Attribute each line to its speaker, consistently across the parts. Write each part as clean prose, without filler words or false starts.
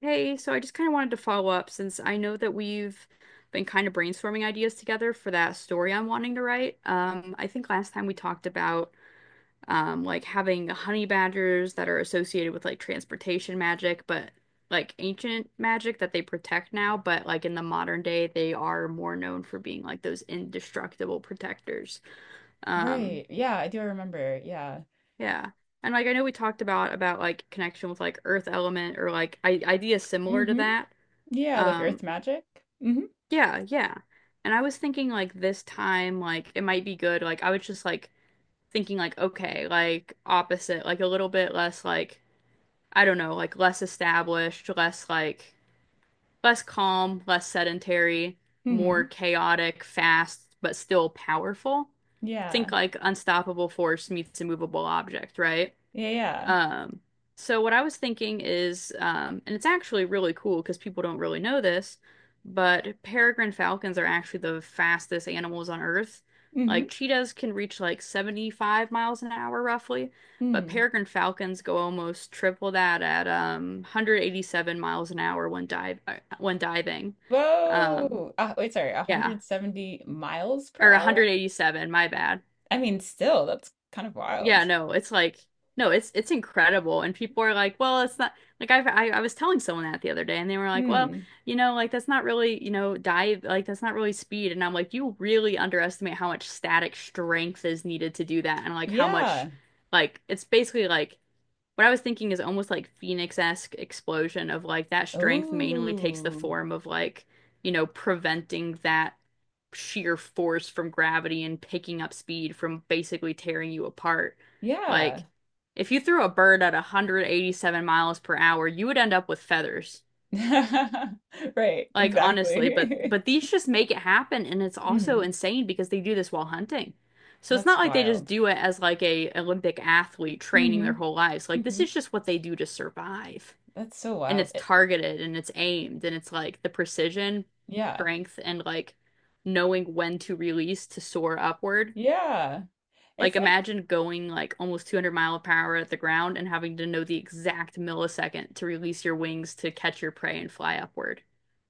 Speaker 1: Hey, so I just kind of wanted to follow up since I know that we've been kind of brainstorming ideas together for that story I'm wanting to write. I think last time we talked about like having honey badgers that are associated with like transportation magic, but like ancient magic that they protect now, but like in the modern day, they are more known for being like those indestructible protectors. Um,
Speaker 2: Right. Yeah, I do remember. Yeah.
Speaker 1: yeah. And like I know we talked about like connection with like earth element or like I ideas similar to
Speaker 2: Mm-hmm.
Speaker 1: that.
Speaker 2: Yeah, like
Speaker 1: Um,
Speaker 2: Earth magic. Mm-hmm.
Speaker 1: Yeah, yeah. And I was thinking like this time, like it might be good. Like I was just like thinking like, okay, like opposite, like a little bit less like I don't know, like less established, less like less calm, less sedentary, more
Speaker 2: Mm-hmm.
Speaker 1: chaotic, fast, but still powerful.
Speaker 2: Yeah.
Speaker 1: Think like unstoppable force meets immovable object, right?
Speaker 2: Yeah, yeah.
Speaker 1: Um, so what I was thinking is, and it's actually really cool because people don't really know this, but peregrine falcons are actually the fastest animals on Earth.
Speaker 2: Mm-hmm.
Speaker 1: Like cheetahs can reach like 75 miles an hour roughly, but
Speaker 2: Mm.
Speaker 1: peregrine falcons go almost triple that at 187 miles an hour when dive when diving. Um,
Speaker 2: Whoa. Wait, sorry,
Speaker 1: yeah,
Speaker 2: 170 miles per
Speaker 1: or
Speaker 2: hour?
Speaker 1: 187, my bad.
Speaker 2: I mean, still, that's kind of
Speaker 1: Yeah,
Speaker 2: wild.
Speaker 1: no, it's like no, it's incredible. And people are like, well, it's not like I was telling someone that the other day, and they were like, well,
Speaker 2: Hmm.
Speaker 1: you know, like that's not really you know dive like that's not really speed. And I'm like, you really underestimate how much static strength is needed to do that, and like how much
Speaker 2: Yeah.
Speaker 1: like it's basically like what I was thinking is almost like Phoenix-esque explosion of like that strength mainly takes the
Speaker 2: Oh.
Speaker 1: form of like you know preventing that sheer force from gravity and picking up speed from basically tearing you apart.
Speaker 2: Yeah.
Speaker 1: Like, if you threw a bird at 187 miles per hour, you would end up with feathers.
Speaker 2: Right,
Speaker 1: Like, honestly,
Speaker 2: exactly.
Speaker 1: but these just make it happen, and it's also
Speaker 2: Mm-hmm.
Speaker 1: insane because they do this while hunting. So it's not
Speaker 2: That's
Speaker 1: like they just
Speaker 2: wild.
Speaker 1: do it as like a Olympic athlete training
Speaker 2: Mm-hmm.
Speaker 1: their whole lives. Like, this
Speaker 2: Mm-hmm.
Speaker 1: is just what they do to survive
Speaker 2: That's so
Speaker 1: and
Speaker 2: wild.
Speaker 1: it's targeted and it's aimed and it's like the precision,
Speaker 2: Yeah.
Speaker 1: strength, and like knowing when to release to soar upward.
Speaker 2: Yeah. It's
Speaker 1: Like
Speaker 2: like
Speaker 1: imagine going like almost 200 mile per hour at the ground and having to know the exact millisecond to release your wings to catch your prey and fly upward.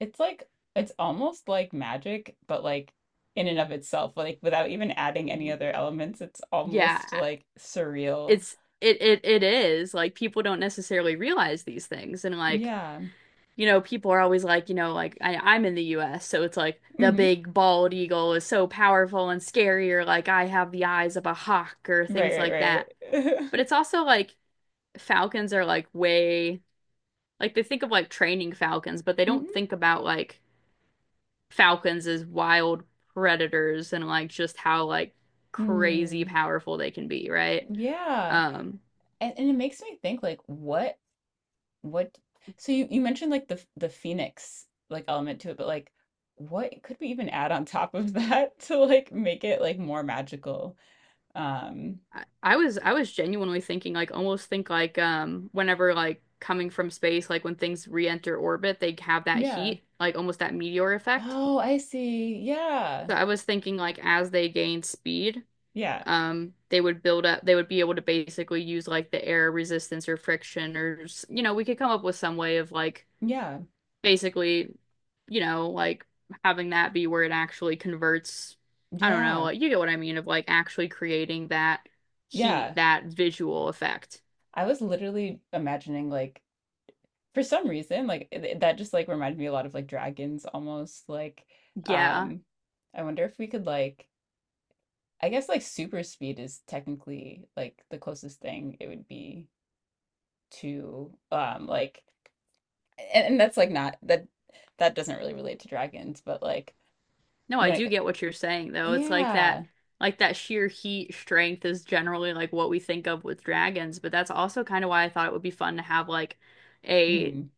Speaker 2: It's like it's almost like magic, but like in and of itself, like without even adding any other elements, it's
Speaker 1: Yeah,
Speaker 2: almost like surreal.
Speaker 1: it's it is like people don't necessarily realize these things and like
Speaker 2: Yeah.
Speaker 1: you know, people are always like, you know, like I'm in the US, so it's like the
Speaker 2: Hmm.
Speaker 1: big bald eagle is so powerful and scary, or like I have the eyes of a hawk, or things
Speaker 2: Right,
Speaker 1: like
Speaker 2: right,
Speaker 1: that. But
Speaker 2: right.
Speaker 1: it's also like falcons are like way, like they think of like training falcons, but they don't
Speaker 2: Hmm.
Speaker 1: think about like falcons as wild predators and like just how like crazy
Speaker 2: Mm.
Speaker 1: powerful they can be, right?
Speaker 2: Yeah.
Speaker 1: Um,
Speaker 2: And it makes me think like what so you mentioned like the phoenix like element to it, but like what could we even add on top of that to like make it like more magical? Um,
Speaker 1: I was I was genuinely thinking like almost think like whenever like coming from space like when things re-enter orbit they have that
Speaker 2: yeah.
Speaker 1: heat like almost that meteor effect.
Speaker 2: Oh, I see. Yeah.
Speaker 1: So I was thinking like as they gain speed
Speaker 2: Yeah.
Speaker 1: they would build up they would be able to basically use like the air resistance or friction or you know we could come up with some way of like
Speaker 2: Yeah,
Speaker 1: basically you know like having that be where it actually converts I don't know
Speaker 2: yeah,
Speaker 1: like, you get what I mean of like actually creating that heat
Speaker 2: yeah.
Speaker 1: that visual effect.
Speaker 2: I was literally imagining like for some reason like that just like reminded me a lot of like dragons almost like
Speaker 1: Yeah.
Speaker 2: um I wonder if we could like I guess like super speed is technically like the closest thing it would be to like and that's like not that that doesn't really relate to dragons but like
Speaker 1: No, I
Speaker 2: when
Speaker 1: do
Speaker 2: it
Speaker 1: get what you're saying though. It's
Speaker 2: yeah.
Speaker 1: like that sheer heat strength is generally like what we think of with dragons, but that's also kind of why I thought it would be fun to have like a
Speaker 2: Mm,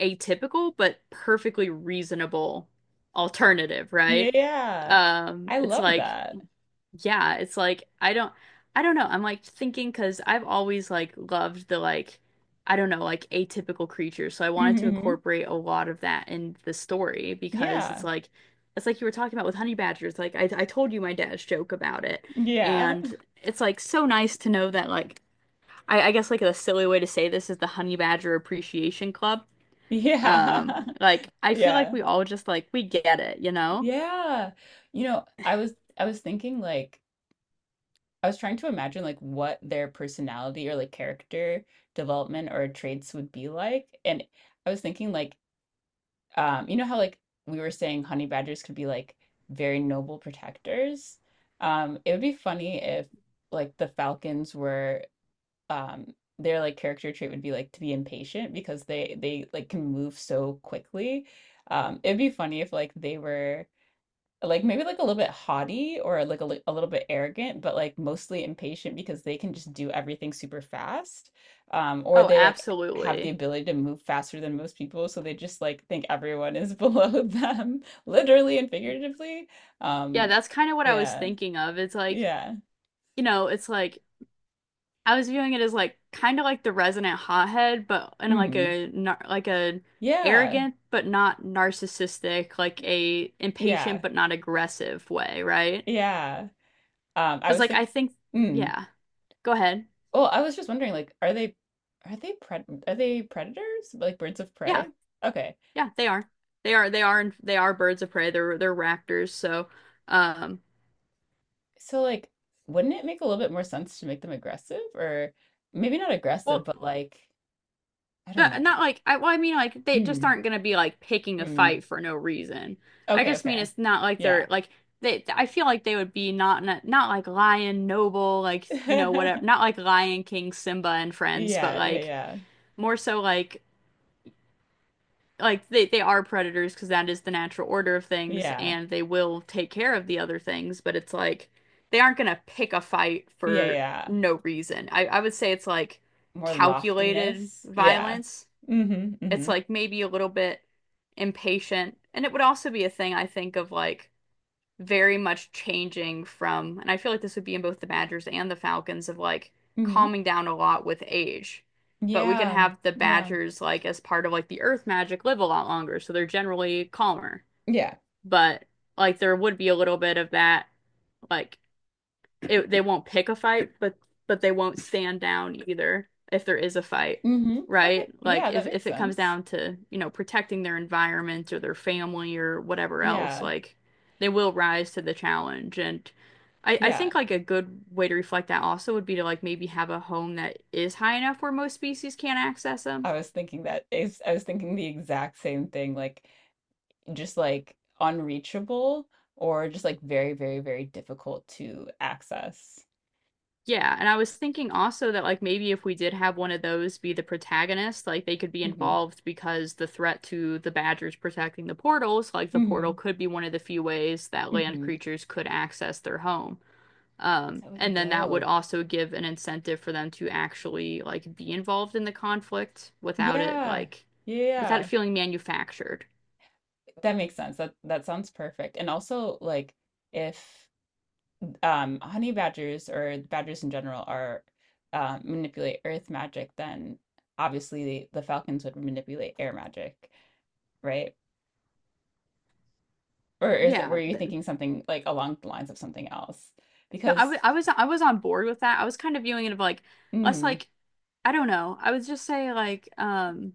Speaker 1: atypical but perfectly reasonable alternative, right?
Speaker 2: yeah. I
Speaker 1: It's
Speaker 2: love
Speaker 1: like
Speaker 2: that.
Speaker 1: yeah, it's like I don't know. I'm like thinking because 'cause I've always like loved the like I don't know, like atypical creatures. So I wanted to
Speaker 2: Hmm.
Speaker 1: incorporate a lot of that in the story because
Speaker 2: Yeah.
Speaker 1: it's like you were talking about with honey badgers. Like I told you my dad's joke about it.
Speaker 2: Yeah.
Speaker 1: And it's like so nice to know that like I guess like a silly way to say this is the Honey Badger Appreciation Club.
Speaker 2: Yeah.
Speaker 1: Like I feel like
Speaker 2: Yeah.
Speaker 1: we all just like we get it, you know?
Speaker 2: Yeah. I was thinking like I was trying to imagine like what their personality or like character development or traits would be like. And I was thinking like you know how like we were saying honey badgers could be like very noble protectors. It would be funny if like the falcons were their like character trait would be like to be impatient because they like can move so quickly. It'd be funny if like they were like maybe like a little bit haughty or like a little bit arrogant, but like mostly impatient because they can just do everything super fast. Or
Speaker 1: Oh,
Speaker 2: they like have the
Speaker 1: absolutely.
Speaker 2: ability to move faster than most people, so they just like think everyone is below them, literally and figuratively.
Speaker 1: Yeah,
Speaker 2: Um,
Speaker 1: that's kind of what I was
Speaker 2: yeah,
Speaker 1: thinking of. It's like,
Speaker 2: yeah.
Speaker 1: you know, it's like I was viewing it as like kind of like the resonant hothead, but in like
Speaker 2: Hmm.
Speaker 1: a nar like a
Speaker 2: Yeah,
Speaker 1: arrogant but not narcissistic, like a
Speaker 2: yeah,
Speaker 1: impatient but not aggressive way, right?
Speaker 2: yeah. I
Speaker 1: Because
Speaker 2: was
Speaker 1: like I
Speaker 2: thinking,
Speaker 1: think,
Speaker 2: mm.
Speaker 1: yeah, go ahead.
Speaker 2: Well, I was just wondering, like, are they predators? Like birds of
Speaker 1: Yeah,
Speaker 2: prey? Okay.
Speaker 1: yeah, they are, they are, they are, they are birds of prey. They're raptors. So, um,
Speaker 2: So like, wouldn't it make a little bit more sense to make them aggressive or maybe not aggressive,
Speaker 1: well,
Speaker 2: but like, I don't
Speaker 1: But
Speaker 2: know.
Speaker 1: not like well, I mean like they just
Speaker 2: Hmm.
Speaker 1: aren't gonna be like picking a
Speaker 2: Hmm.
Speaker 1: fight for no reason. I
Speaker 2: Okay,
Speaker 1: just mean
Speaker 2: okay.
Speaker 1: it's not like
Speaker 2: Yeah.
Speaker 1: they're like they. I feel like they would be not like Lion Noble like you know whatever. Not like Lion King Simba and friends, but
Speaker 2: Yeah, yeah,
Speaker 1: like
Speaker 2: yeah.
Speaker 1: more so like they are predators because that is the natural order of things,
Speaker 2: Yeah.
Speaker 1: and they will take care of the other things. But it's like they aren't gonna pick a fight
Speaker 2: Yeah,
Speaker 1: for
Speaker 2: yeah.
Speaker 1: no reason. I would say it's like
Speaker 2: More
Speaker 1: calculated
Speaker 2: loftiness. Yeah.
Speaker 1: violence.
Speaker 2: Mm-hmm. Mm-hmm.
Speaker 1: It's like maybe a little bit impatient. And it would also be a thing I think of like very much changing from, and I feel like this would be in both the Badgers and the Falcons of like
Speaker 2: Mm-hmm.
Speaker 1: calming down a lot with age. But we could
Speaker 2: Yeah.
Speaker 1: have the
Speaker 2: Yeah.
Speaker 1: Badgers like as part of like the Earth magic live a lot longer, so they're generally calmer.
Speaker 2: Yeah.
Speaker 1: But like there would be a little bit of that like it, they won't pick a fight, but they won't stand down either if there is a fight,
Speaker 2: Mm-hmm. Okay.
Speaker 1: right?
Speaker 2: Yeah,
Speaker 1: Like
Speaker 2: that makes
Speaker 1: if it comes
Speaker 2: sense.
Speaker 1: down to, you know, protecting their environment or their family or whatever else,
Speaker 2: Yeah.
Speaker 1: like they will rise to the challenge. And I
Speaker 2: Yeah.
Speaker 1: think like a good way to reflect that also would be to like maybe have a home that is high enough where most species can't access them.
Speaker 2: I was thinking the exact same thing, like just like unreachable or just like very, very, very difficult to access.
Speaker 1: Yeah, and I was thinking also that like maybe if we did have one of those be the protagonist, like they could be
Speaker 2: Hmm.
Speaker 1: involved because the threat to the badgers protecting the portals, like the portal
Speaker 2: Hmm.
Speaker 1: could be one of the few ways that land
Speaker 2: Hmm.
Speaker 1: creatures could access their home.
Speaker 2: Oh, that would be
Speaker 1: And then that would
Speaker 2: dope.
Speaker 1: also give an incentive for them to actually like be involved in the conflict without it
Speaker 2: Yeah.
Speaker 1: like without it
Speaker 2: Yeah.
Speaker 1: feeling manufactured.
Speaker 2: That makes sense. That sounds perfect. And also like if honey badgers or badgers in general are manipulate earth magic, then obviously the falcons would manipulate air magic, right? Or is were
Speaker 1: Yeah,
Speaker 2: you
Speaker 1: th-
Speaker 2: thinking something like along the lines of something else?
Speaker 1: No,
Speaker 2: Because.
Speaker 1: I was on board with that. I was kind of viewing it of like less
Speaker 2: Hmm.
Speaker 1: like I don't know. I would just say like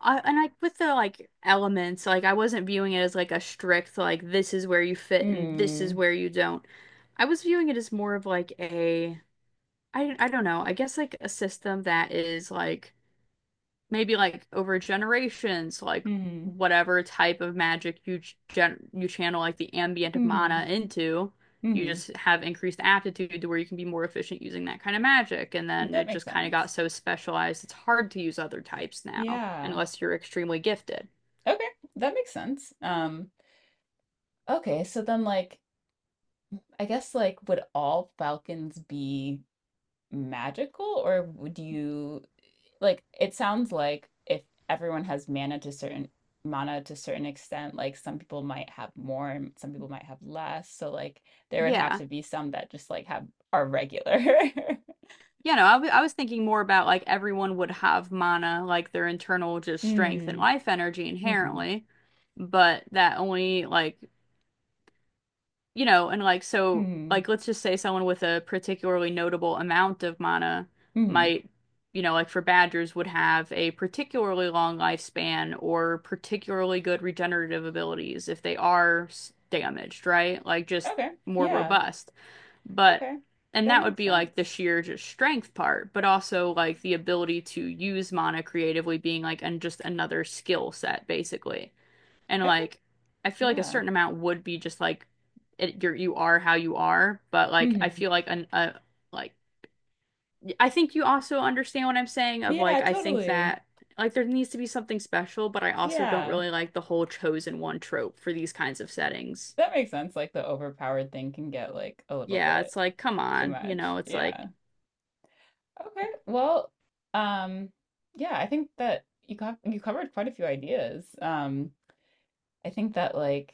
Speaker 1: I and like with the like elements, like I wasn't viewing it as like a strict like this is where you fit and this is
Speaker 2: Mm-hmm.
Speaker 1: where you don't. I was viewing it as more of like a I don't know. I guess like a system that is like maybe like over generations, like
Speaker 2: Mm-hmm.
Speaker 1: whatever type of magic you gen you channel like the ambient
Speaker 2: Mm-hmm. Mm-hmm. Mm.
Speaker 1: mana into,
Speaker 2: Hmm.
Speaker 1: you
Speaker 2: Hmm.
Speaker 1: just have increased aptitude to where you can be more efficient using that kind of magic. And
Speaker 2: Hmm.
Speaker 1: then
Speaker 2: That
Speaker 1: it
Speaker 2: makes
Speaker 1: just kind of
Speaker 2: sense.
Speaker 1: got so specialized, it's hard to use other types now,
Speaker 2: Yeah.
Speaker 1: unless you're extremely gifted.
Speaker 2: Okay, that makes sense. Okay, so then like I guess like would all falcons be magical, or would you like it sounds like if everyone has mana to certain extent, like some people might have more and some people might have less. So like there would have
Speaker 1: Yeah.
Speaker 2: to be some that just like have are regular.
Speaker 1: Yeah, no, I was thinking more about like everyone would have mana, like their internal just strength and
Speaker 2: Mm.
Speaker 1: life energy
Speaker 2: Hmm.
Speaker 1: inherently, but that only like you know, and like so
Speaker 2: Hmm.
Speaker 1: like let's just say someone with a particularly notable amount of mana
Speaker 2: Hmm.
Speaker 1: might, you know, like for badgers would have a particularly long lifespan or particularly good regenerative abilities if they are damaged, right? Like just
Speaker 2: Okay.
Speaker 1: more
Speaker 2: Yeah.
Speaker 1: robust. But
Speaker 2: Okay.
Speaker 1: and
Speaker 2: That
Speaker 1: that would
Speaker 2: makes
Speaker 1: be like the
Speaker 2: sense.
Speaker 1: sheer just strength part, but also like the ability to use mana creatively being like and just another skill set basically and
Speaker 2: Okay.
Speaker 1: like I feel like a
Speaker 2: Yeah.
Speaker 1: certain amount would be just like it, you're you are how you are, but like I
Speaker 2: Hmm.
Speaker 1: feel like an a like I think you also understand what I'm saying of
Speaker 2: Yeah,
Speaker 1: like I think
Speaker 2: totally.
Speaker 1: that like there needs to be something special, but I also don't
Speaker 2: Yeah.
Speaker 1: really like the whole chosen one trope for these kinds of settings.
Speaker 2: That makes sense. Like the overpowered thing can get like a little
Speaker 1: Yeah,
Speaker 2: bit
Speaker 1: it's like come
Speaker 2: too
Speaker 1: on, you
Speaker 2: much.
Speaker 1: know, it's like
Speaker 2: Yeah. Okay. Well, um, yeah, I think that you covered quite a few ideas. I think that like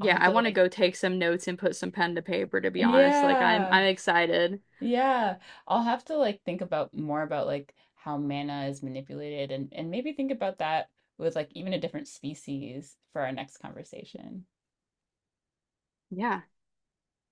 Speaker 2: I'll have
Speaker 1: I
Speaker 2: to
Speaker 1: want to
Speaker 2: like,
Speaker 1: go take some notes and put some pen to paper to be honest. Like
Speaker 2: yeah.
Speaker 1: I'm excited.
Speaker 2: Yeah, I'll have to like think about more about like how mana is manipulated and maybe think about that with like even a different species for our next conversation.
Speaker 1: Yeah.